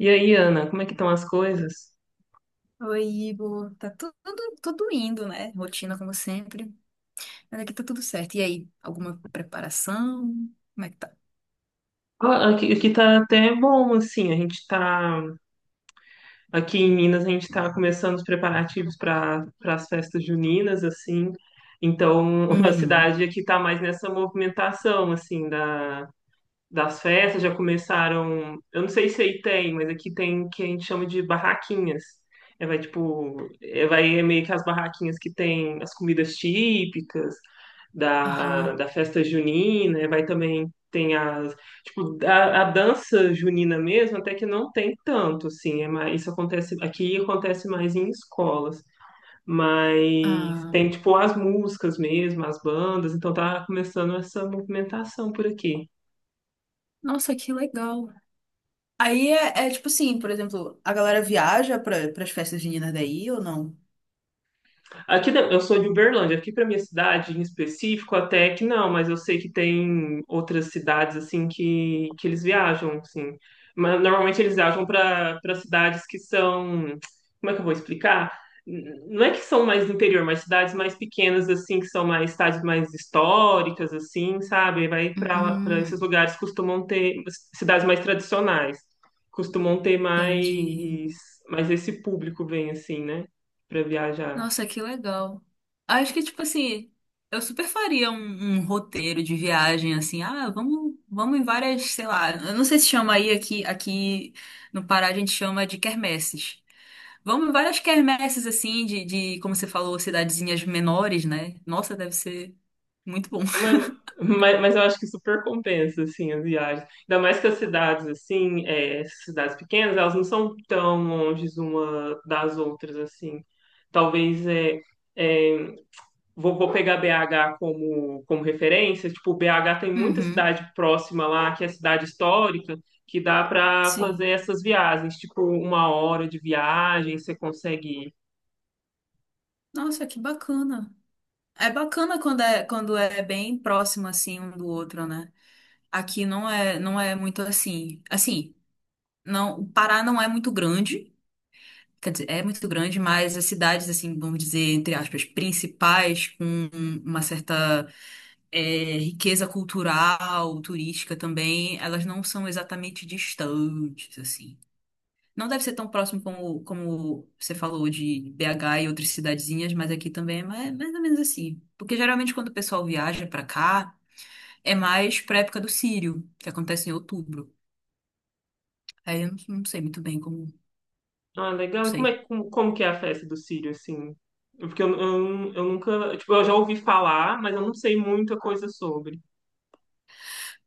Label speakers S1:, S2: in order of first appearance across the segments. S1: E aí, Ana, como é que estão as coisas?
S2: Oi, Igor. Tá tudo indo, né? Rotina como sempre. Mas aqui tá tudo certo. E aí, alguma preparação? Como é que tá?
S1: Ah, aqui tá até bom, assim, a gente tá, aqui em Minas, a gente tá começando os preparativos para as festas juninas, assim, então a
S2: Uhum.
S1: cidade aqui tá mais nessa movimentação, assim, das festas já começaram. Eu não sei se aí tem, mas aqui tem o que a gente chama de barraquinhas. É, vai tipo, é, vai é meio que as barraquinhas que tem as comidas típicas
S2: Aham.
S1: da festa junina, é, vai também tem as tipo a dança junina mesmo, até que não tem tanto assim, é mais, isso acontece aqui acontece mais em escolas. Mas
S2: Ah.
S1: tem tipo as músicas mesmo, as bandas, então tá começando essa movimentação por aqui.
S2: Nossa, que legal. Aí é tipo assim, por exemplo, a galera viaja para as festas juninas daí ou não?
S1: Eu sou de Uberlândia, aqui para minha cidade em específico até que não, mas eu sei que tem outras cidades assim que eles viajam, assim. Mas normalmente eles viajam para cidades que são, como é que eu vou explicar? Não é que são mais do interior, mas cidades mais pequenas assim, que são mais cidades mais históricas assim, sabe? Vai para esses
S2: Hum,
S1: lugares costumam ter cidades mais tradicionais, costumam ter
S2: entendi.
S1: mais esse público vem assim, né? Para viajar.
S2: Nossa, que legal. Acho que, tipo assim, eu super faria um roteiro de viagem, assim, ah, vamos em várias, sei lá, eu não sei se chama aí aqui, aqui no Pará a gente chama de quermesses. Vamos em várias quermesses, assim, de, como você falou, cidadezinhas menores, né? Nossa, deve ser muito bom.
S1: Mas, mas eu acho que super compensa, assim, as viagens. Ainda mais que as cidades, assim, é, essas cidades pequenas, elas não são tão longe uma das outras, assim. Talvez, é, é, vou pegar BH como, como referência. Tipo, BH tem muita
S2: Uhum,
S1: cidade próxima lá, que é cidade histórica, que dá para fazer
S2: sim.
S1: essas viagens. Tipo, uma hora de viagem, você consegue.
S2: Nossa, que bacana. É bacana quando é bem próximo, assim, um do outro, né? Aqui não é muito assim. Assim, não, o Pará não é muito grande, quer dizer, é muito grande, mas as cidades, assim, vamos dizer, entre aspas, principais, com uma certa riqueza cultural, turística também, elas não são exatamente distantes, assim. Não deve ser tão próximo como você falou de BH e outras cidadezinhas, mas aqui também é mais ou menos assim. Porque geralmente quando o pessoal viaja pra cá, é mais pra época do Círio, que acontece em outubro. Aí eu não sei muito bem como, não
S1: Ah, legal. E como é,
S2: sei.
S1: como, como que é a festa do Círio, assim? Porque eu nunca, tipo, eu já ouvi falar, mas eu não sei muita coisa sobre.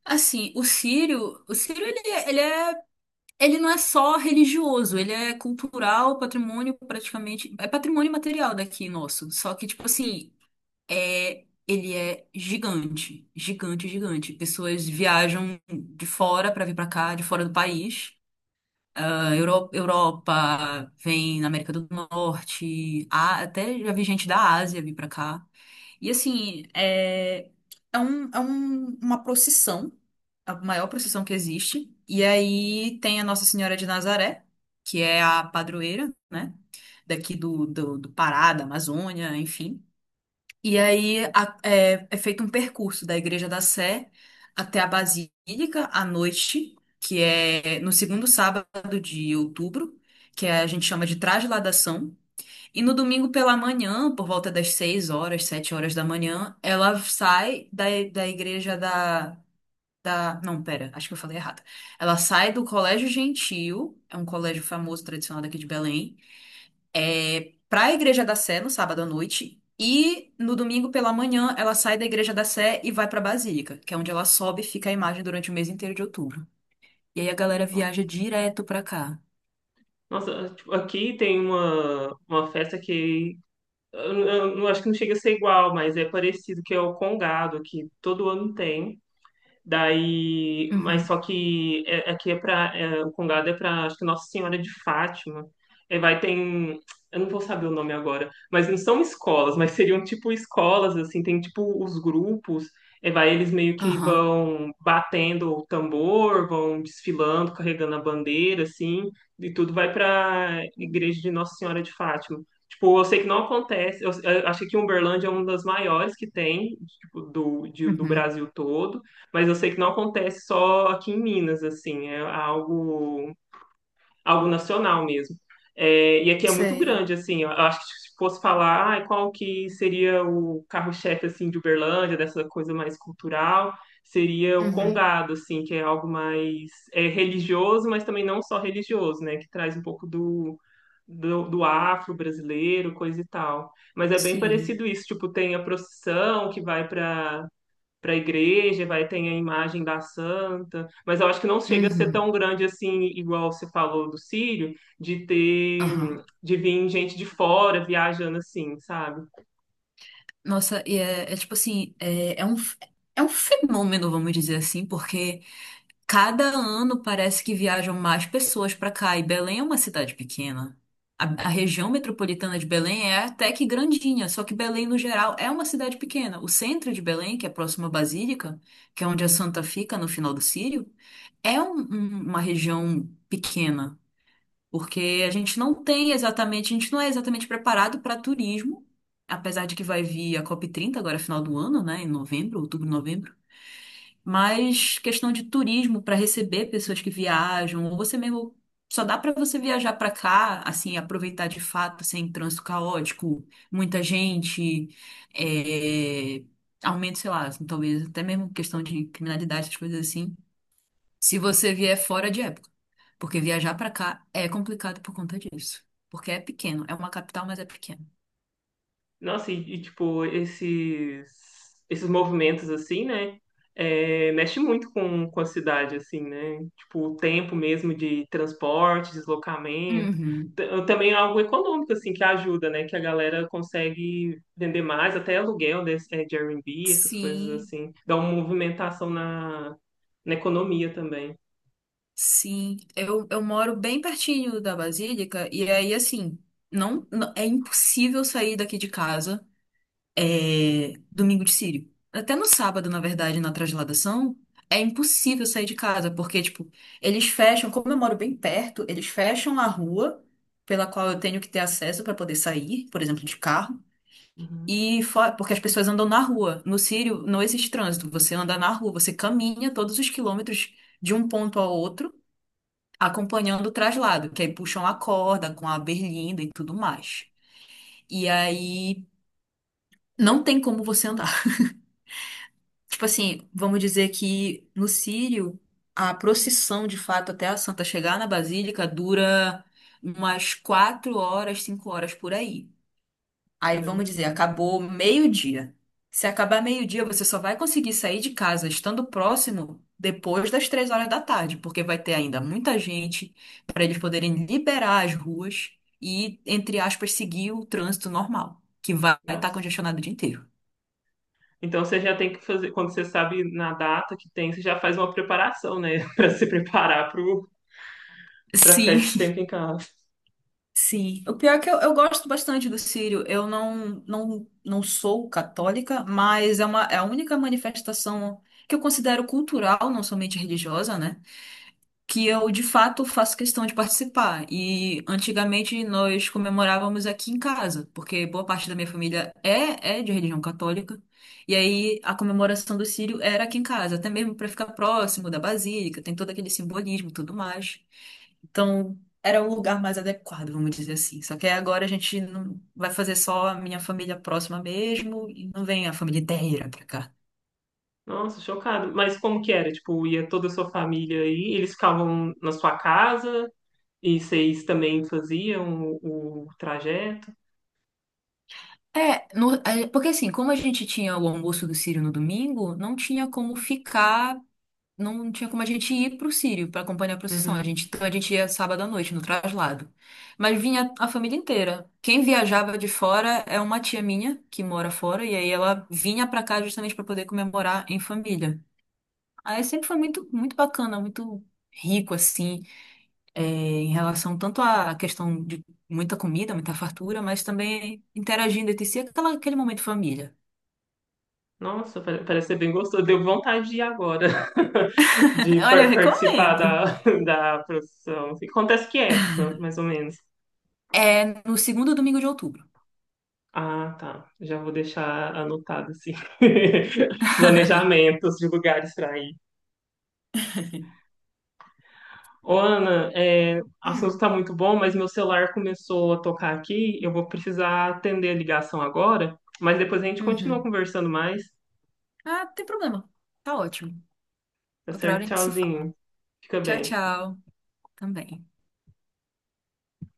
S2: Assim, o Sírio ele não é só religioso, ele é cultural, patrimônio praticamente, é patrimônio material daqui nosso. Só que tipo assim, ele é gigante, gigante, gigante. Pessoas viajam de fora para vir para cá, de fora do país. Ah, Europa, vem na América do Norte, até já vi gente da Ásia vir para cá. E assim, uma procissão, a maior procissão que existe. E aí tem a Nossa Senhora de Nazaré, que é a padroeira, né? Daqui do Pará, da Amazônia, enfim. E aí é feito um percurso da Igreja da Sé até a Basílica à noite, que é no segundo sábado de outubro, que é, a gente chama de Trasladação. E no domingo pela manhã, por volta das 6 horas, 7 horas da manhã, ela sai da igreja da, da. Não, pera, acho que eu falei errado. Ela sai do Colégio Gentil, é um colégio famoso, tradicional daqui de Belém, para a Igreja da Sé no sábado à noite. E no domingo pela manhã, ela sai da Igreja da Sé e vai para a Basílica, que é onde ela sobe e fica a imagem durante o mês inteiro de outubro. E aí a galera viaja direto pra cá.
S1: Nossa, tipo, aqui tem uma festa que eu, eu acho que não chega a ser igual, mas é parecido, que é o Congado, que todo ano tem. Daí, mas
S2: Uhum.
S1: só que aqui é para o Congado é para acho que Nossa Senhora de Fátima. Aí vai tem, eu não vou saber o nome agora, mas não são escolas, mas seriam tipo escolas assim, tem tipo os grupos. Aí vai eles meio que
S2: Aham.
S1: vão batendo o tambor, vão desfilando, carregando a bandeira assim, e tudo vai para Igreja de Nossa Senhora de Fátima. Tipo, eu sei que não acontece. Eu achei que Uberlândia é uma das maiores que tem, tipo, do, do
S2: Uhum.
S1: Brasil todo. Mas eu sei que não acontece só aqui em Minas, assim, é algo, algo nacional mesmo. É, e aqui é muito
S2: Sei.
S1: grande, assim, eu acho que se fosse falar, ai, qual que seria o carro-chefe, assim, de Uberlândia, dessa coisa mais cultural, seria o
S2: Uhum.
S1: congado, assim, que é algo mais é, religioso, mas também não só religioso, né, que traz um pouco do, do afro-brasileiro, coisa e tal. Mas é bem
S2: Sim.
S1: parecido isso, tipo, tem a procissão que vai para a igreja, vai ter a imagem da santa, mas eu acho que não chega a ser tão
S2: Uhum,
S1: grande assim, igual você falou do Círio de ter,
S2: aham.
S1: de vir gente de fora viajando assim, sabe?
S2: Nossa, e é tipo assim, é um fenômeno, vamos dizer assim, porque cada ano parece que viajam mais pessoas pra cá, e Belém é uma cidade pequena. A região metropolitana de Belém é até que grandinha, só que Belém, no geral, é uma cidade pequena. O centro de Belém, que é próximo à Basílica, que é onde a Santa fica no final do Sírio, é uma região pequena. Porque a gente não tem exatamente, a gente não é exatamente preparado para turismo, apesar de que vai vir a COP30 agora, final do ano, né, em novembro, outubro, novembro. Mas questão de turismo para receber pessoas que viajam, ou você mesmo só dá para você viajar para cá, assim, aproveitar de fato, sem trânsito caótico, muita gente, é, aumento, sei lá, talvez até mesmo questão de criminalidade, essas coisas assim. Se você vier fora de época. Porque viajar pra cá é complicado por conta disso. Porque é pequeno, é uma capital, mas é pequeno.
S1: Nossa, e, tipo, esses movimentos, assim, né? É, mexe muito com a cidade, assim, né? Tipo, o tempo mesmo de transporte, deslocamento.
S2: Uhum.
S1: Também é algo econômico, assim, que ajuda, né? Que a galera consegue vender mais, até aluguel desse, é, de Airbnb, essas coisas
S2: Sim,
S1: assim. Dá uma movimentação na, na economia também.
S2: sim. Eu moro bem pertinho da Basílica e aí, assim, não, é impossível sair daqui de casa domingo de Círio. Até no sábado, na verdade, na transladação, é impossível sair de casa, porque, tipo, eles fecham, como eu moro bem perto, eles fecham a rua pela qual eu tenho que ter acesso para poder sair, por exemplo, de carro.
S1: Uhum.
S2: E fora, porque as pessoas andam na rua. No Círio não existe trânsito. Você anda na rua, você caminha todos os quilômetros de um ponto ao outro, acompanhando o traslado, que aí puxam a corda com a berlinda e tudo mais. E aí não tem como você andar. Tipo assim, vamos dizer que no Círio a procissão de fato até a Santa chegar na Basílica dura umas 4 horas, 5 horas por aí. Aí vamos dizer,
S1: Caramba,
S2: acabou meio-dia. Se acabar meio-dia, você só vai conseguir sair de casa estando próximo depois das 3 horas da tarde, porque vai ter ainda muita gente para eles poderem liberar as ruas e, entre aspas, seguir o trânsito normal, que vai estar
S1: nossa.
S2: congestionado o dia inteiro.
S1: Então você já tem que fazer, quando você sabe na data que tem, você já faz uma preparação, né? Pra se preparar pro, pra ficar
S2: Sim,
S1: esse tempo em casa.
S2: sim. O pior é que eu gosto bastante do Círio. Eu não sou católica, mas é a única manifestação que eu considero cultural, não somente religiosa, né, que eu de fato faço questão de participar. E antigamente nós comemorávamos aqui em casa, porque boa parte da minha família é de religião católica. E aí a comemoração do Círio era aqui em casa, até mesmo para ficar próximo da basílica, tem todo aquele simbolismo e tudo mais. Então, era o lugar mais adequado, vamos dizer assim. Só que aí agora a gente não vai fazer só a minha família próxima mesmo, e não vem a família inteira pra cá.
S1: Nossa, chocado. Mas como que era? Tipo, ia toda a sua família aí, eles ficavam na sua casa e vocês também faziam o trajeto?
S2: É, porque assim, como a gente tinha o almoço do Círio no domingo, não tinha como ficar, não tinha como a gente ir pro Círio para acompanhar a procissão. A
S1: Uhum.
S2: gente, então a gente ia sábado à noite no traslado. Mas vinha a família inteira. Quem viajava de fora é uma tia minha que mora fora, e aí ela vinha pra cá justamente para poder comemorar em família. Aí sempre foi muito, muito bacana, muito rico assim, em relação tanto à questão de muita comida, muita fartura, mas também interagindo entre si, aquele momento família.
S1: Nossa, parece ser bem gostoso. Deu vontade de ir agora, de
S2: Olha, eu
S1: participar
S2: recomendo.
S1: da, da profissão. Acontece que é época, mais ou menos?
S2: É no segundo domingo de outubro.
S1: Ah, tá. Já vou deixar anotado, assim. Planejamentos de lugares para ir. Ô, Ana, é, o assunto
S2: Hum.
S1: tá muito bom, mas meu celular começou a tocar aqui. Eu vou precisar atender a ligação agora, mas depois a gente continua
S2: Uhum.
S1: conversando mais.
S2: Ah, tem problema. Tá ótimo.
S1: Tá
S2: Outra
S1: certo?
S2: hora a gente se fala.
S1: Tchauzinho. Fica
S2: Tchau,
S1: bem.
S2: tchau. Também.